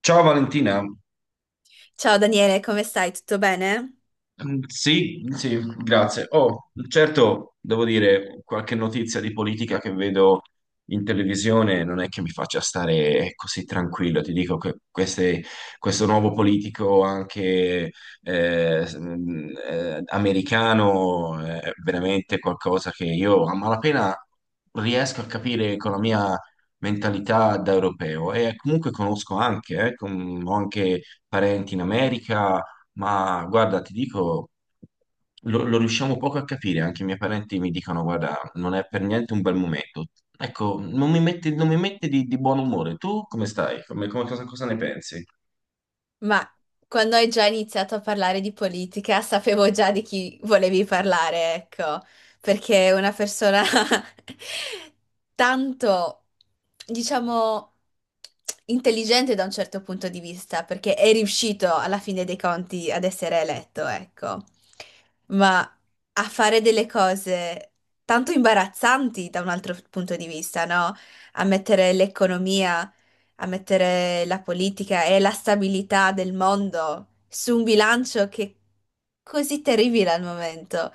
Ciao Valentina. Ciao Daniele, come stai? Tutto bene? Sì, sì, grazie. Oh, certo, devo dire, qualche notizia di politica che vedo in televisione non è che mi faccia stare così tranquillo. Ti dico che questo nuovo politico anche americano è veramente qualcosa che io a malapena riesco a capire con la mia mentalità da europeo, e comunque conosco anche, ho anche parenti in America. Ma guarda, ti dico, lo riusciamo poco a capire, anche i miei parenti mi dicono, guarda, non è per niente un bel momento. Ecco, non mi mette di buon umore. Tu come stai? Cosa ne pensi? Ma quando hai già iniziato a parlare di politica, sapevo già di chi volevi parlare, ecco, perché è una persona tanto, diciamo, intelligente da un certo punto di vista, perché è riuscito alla fine dei conti ad essere eletto, ecco, ma a fare delle cose tanto imbarazzanti da un altro punto di vista, no? A mettere l'economia a mettere la politica e la stabilità del mondo su un bilancio che è così terribile al momento.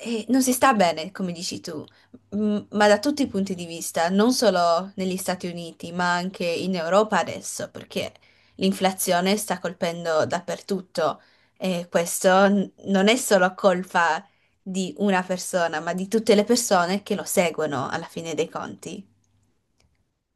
E non si sta bene, come dici tu, ma da tutti i punti di vista, non solo negli Stati Uniti, ma anche in Europa adesso, perché l'inflazione sta colpendo dappertutto e questo non è solo colpa di una persona, ma di tutte le persone che lo seguono alla fine dei conti.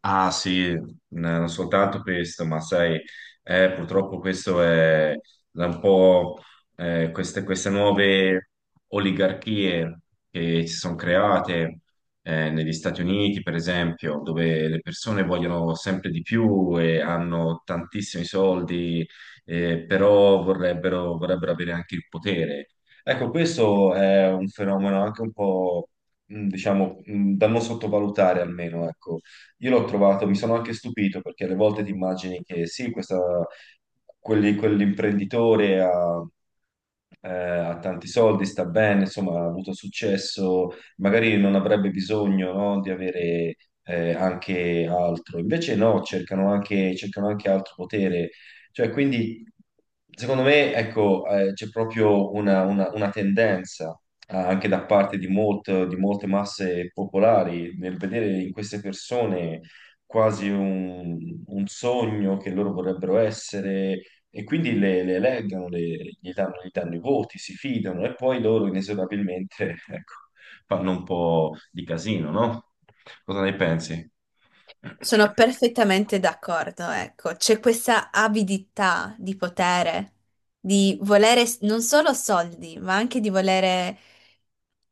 Ah sì, non soltanto questo, ma sai, purtroppo questo è da un po' queste nuove oligarchie che si sono create negli Stati Uniti, per esempio, dove le persone vogliono sempre di più e hanno tantissimi soldi, eh, però vorrebbero avere anche il potere. Ecco, questo è un fenomeno anche un po', diciamo, da non sottovalutare almeno. Ecco, io l'ho trovato, mi sono anche stupito perché alle volte ti immagini che sì, quell'imprenditore ha ha tanti soldi, sta bene, insomma, ha avuto successo, magari non avrebbe bisogno, no, di avere anche altro. Invece no, cercano anche altro potere. Cioè, quindi, secondo me, ecco, c'è proprio una tendenza anche da parte di, di molte masse popolari nel vedere in queste persone quasi un sogno che loro vorrebbero essere, e quindi le eleggono, gli danno i voti, si fidano e poi loro inesorabilmente, ecco, fanno un po' di casino, no? Cosa ne pensi? Sono perfettamente d'accordo, ecco, c'è questa avidità di potere, di volere non solo soldi, ma anche di volere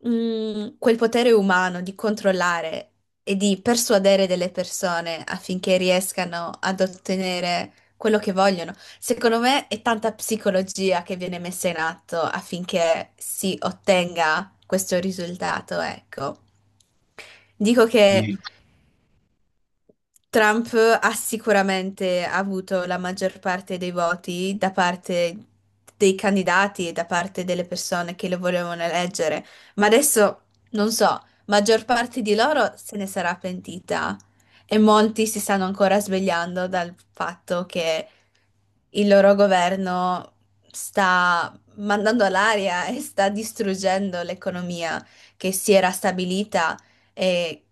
quel potere umano di controllare e di persuadere delle persone affinché riescano ad ottenere quello che vogliono. Secondo me è tanta psicologia che viene messa in atto affinché si ottenga questo risultato, ecco. Dico che Sì. Trump ha sicuramente avuto la maggior parte dei voti da parte dei candidati e da parte delle persone che lo volevano eleggere, ma adesso non so, maggior parte di loro se ne sarà pentita e molti si stanno ancora svegliando dal fatto che il loro governo sta mandando all'aria e sta distruggendo l'economia che si era stabilita eh,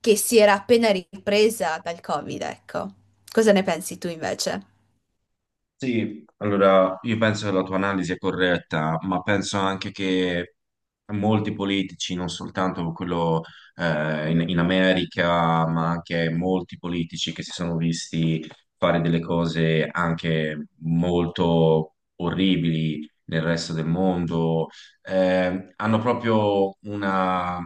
che si era appena ripresa dal Covid, ecco. Cosa ne pensi tu invece? Sì, allora io penso che la tua analisi è corretta, ma penso anche che molti politici, non soltanto quello eh, in America, ma anche molti politici che si sono visti fare delle cose anche molto orribili nel resto del mondo, hanno proprio una,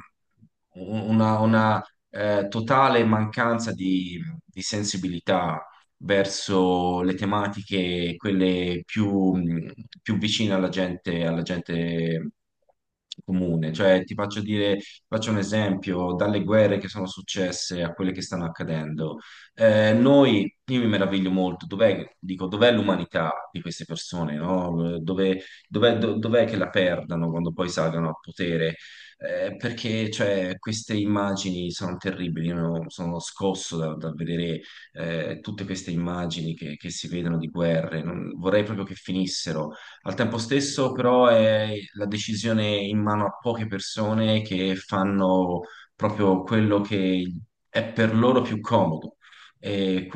una, una, totale mancanza di sensibilità verso le tematiche, quelle più, più vicine alla gente comune. Cioè, ti faccio dire, faccio un esempio, dalle guerre che sono successe a quelle che stanno accadendo. Noi, io mi meraviglio molto, dov'è, dico, dov'è l'umanità di queste persone, no? Dove, dov'è che la perdano quando poi salgano al potere? Perché cioè, queste immagini sono terribili, io sono scosso da vedere tutte queste immagini che si vedono di guerre, vorrei proprio che finissero. Al tempo stesso, però, è la decisione in mano a poche persone che fanno proprio quello che è per loro più comodo. E,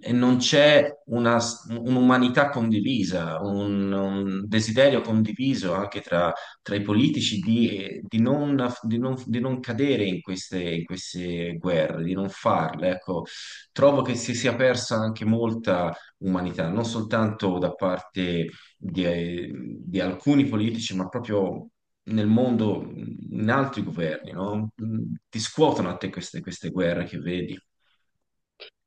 e non c'è un'umanità condivisa, un desiderio condiviso anche tra i politici di non cadere in in queste guerre, di non farle. Ecco, trovo che si sia persa anche molta umanità, non soltanto da parte di, di alcuni politici, ma proprio nel mondo, in altri governi, no? Ti scuotono a te queste guerre che vedi.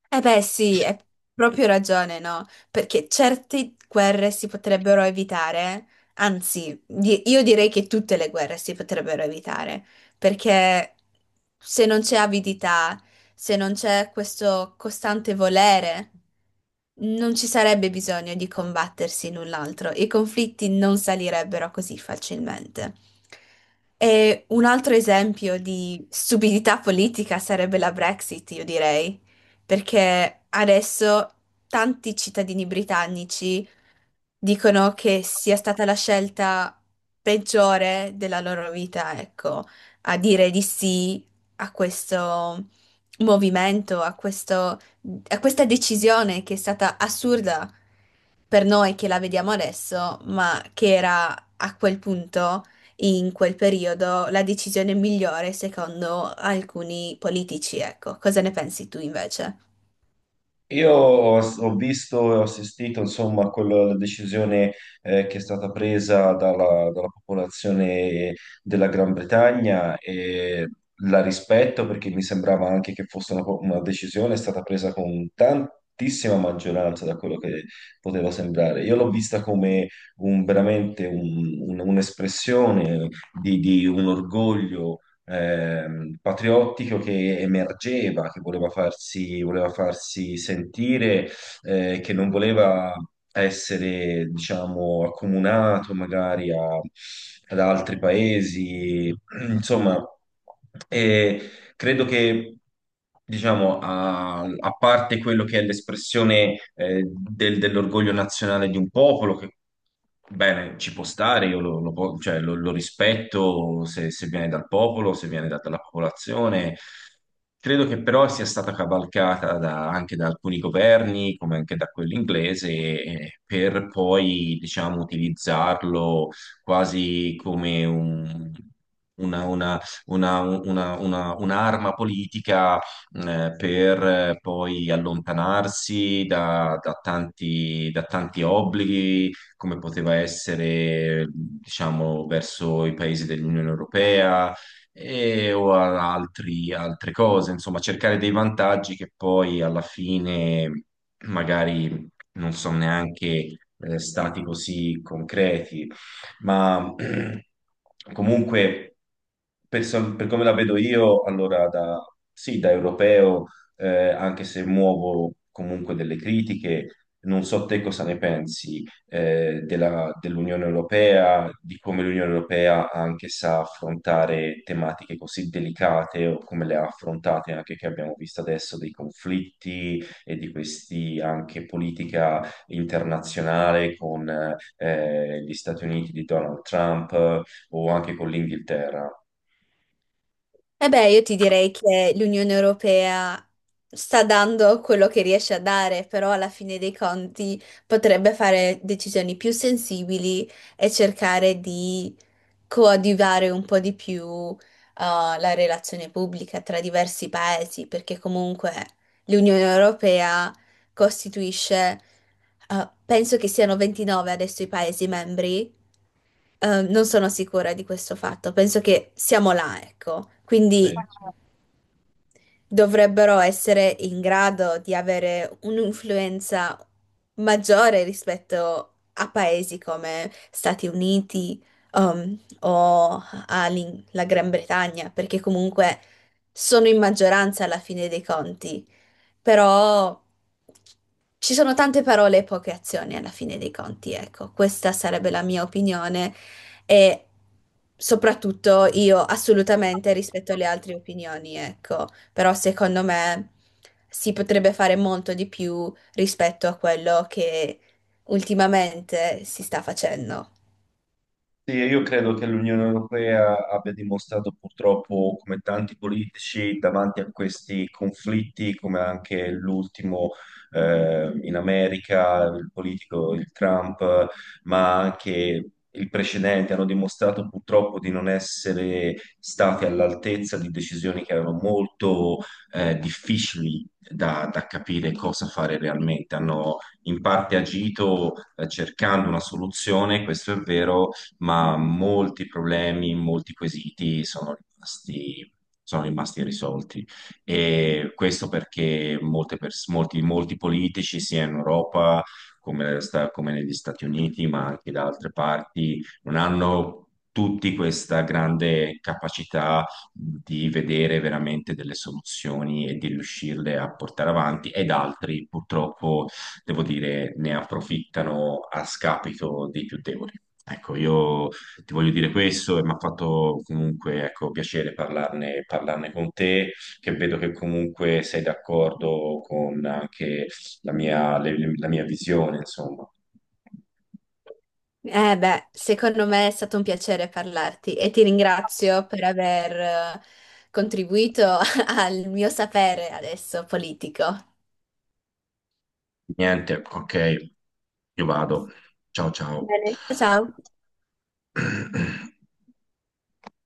Eh beh, sì, hai proprio ragione, no? Perché certe guerre si potrebbero evitare, anzi, io direi che tutte le guerre si potrebbero evitare, perché se non c'è avidità, se non c'è questo costante volere, non ci sarebbe bisogno di combattersi l'un l'altro, i conflitti non salirebbero così facilmente. E un altro esempio di stupidità politica sarebbe la Brexit, io direi, perché adesso tanti cittadini britannici dicono che sia stata la scelta peggiore della loro vita, ecco, a dire di sì a questo movimento, a questa decisione che è stata assurda per noi che la vediamo adesso, ma che era a quel punto, in quel periodo, la decisione migliore secondo alcuni politici, ecco. Cosa ne pensi tu invece? Io ho, ho visto e ho assistito, insomma, a quella decisione eh, che è stata presa dalla popolazione della Gran Bretagna, e la rispetto perché mi sembrava anche che fosse una decisione stata presa con tantissima maggioranza da quello che poteva sembrare. Io l'ho vista come veramente un'espressione di un orgoglio patriottico che emergeva, che voleva farsi sentire, che non voleva essere, diciamo, accomunato magari ad altri paesi, insomma. E, Credo che, diciamo, a parte quello che è l'espressione eh, dell'orgoglio nazionale di un popolo, che bene, ci può stare, io cioè, lo rispetto se viene dal popolo, se viene dalla popolazione. Credo che però sia stata cavalcata anche da alcuni governi, come anche da quello inglese, per poi, diciamo, utilizzarlo quasi come una, una- un'arma politica, per poi allontanarsi da tanti obblighi, come poteva essere, diciamo, verso i paesi dell'Unione Europea e, o altre cose, insomma, cercare dei vantaggi che poi alla fine magari non sono neanche stati così concreti, ma comunque per come la vedo io, allora da, sì, da europeo, anche se muovo comunque delle critiche, non so te cosa ne pensi dell'Unione Europea, di come l'Unione Europea anche sa affrontare tematiche così delicate, o come le ha affrontate anche che abbiamo visto adesso dei conflitti e di questi anche politica internazionale con gli Stati Uniti di Donald Trump, o anche con l'Inghilterra. Eh beh, io ti direi che l'Unione Europea sta dando quello che riesce a dare, però alla fine dei conti potrebbe fare decisioni più sensibili e cercare di coadiuvare un po' di più, la relazione pubblica tra diversi paesi, perché comunque l'Unione Europea costituisce, penso che siano 29 adesso i paesi membri, non sono sicura di questo fatto, penso che siamo là, ecco, Sì. quindi dovrebbero essere in grado di avere un'influenza maggiore rispetto a paesi come Stati Uniti, o alla Gran Bretagna, perché comunque sono in maggioranza alla fine dei conti, però ci sono tante parole e poche azioni alla fine dei conti, ecco, questa sarebbe la mia opinione, e soprattutto io assolutamente rispetto alle altre opinioni, ecco, però secondo me si potrebbe fare molto di più rispetto a quello che ultimamente si sta facendo. Sì, io credo che l'Unione Europea abbia dimostrato purtroppo, come tanti politici, davanti a questi conflitti, come anche l'ultimo in America, il politico, il Trump, ma anche il precedente, hanno dimostrato purtroppo di non essere stati all'altezza di decisioni che erano molto difficili da capire cosa fare realmente. Hanno in parte agito cercando una soluzione, questo è vero, ma molti problemi, molti quesiti sono rimasti irrisolti. E questo perché molti politici, sia in Europa come negli Stati Uniti, ma anche da altre parti, non hanno tutti questa grande capacità di vedere veramente delle soluzioni e di riuscirle a portare avanti, ed altri purtroppo, devo dire, ne approfittano a scapito dei più deboli. Ecco, io ti voglio dire questo, e mi ha fatto comunque, ecco, piacere parlarne con te, che vedo che comunque sei d'accordo con anche la mia visione, insomma. Eh beh, secondo me è stato un piacere parlarti e ti ringrazio per aver eh, contribuito al mio sapere adesso politico. Niente, ok, io vado. Ciao, ciao. Bene. Ciao.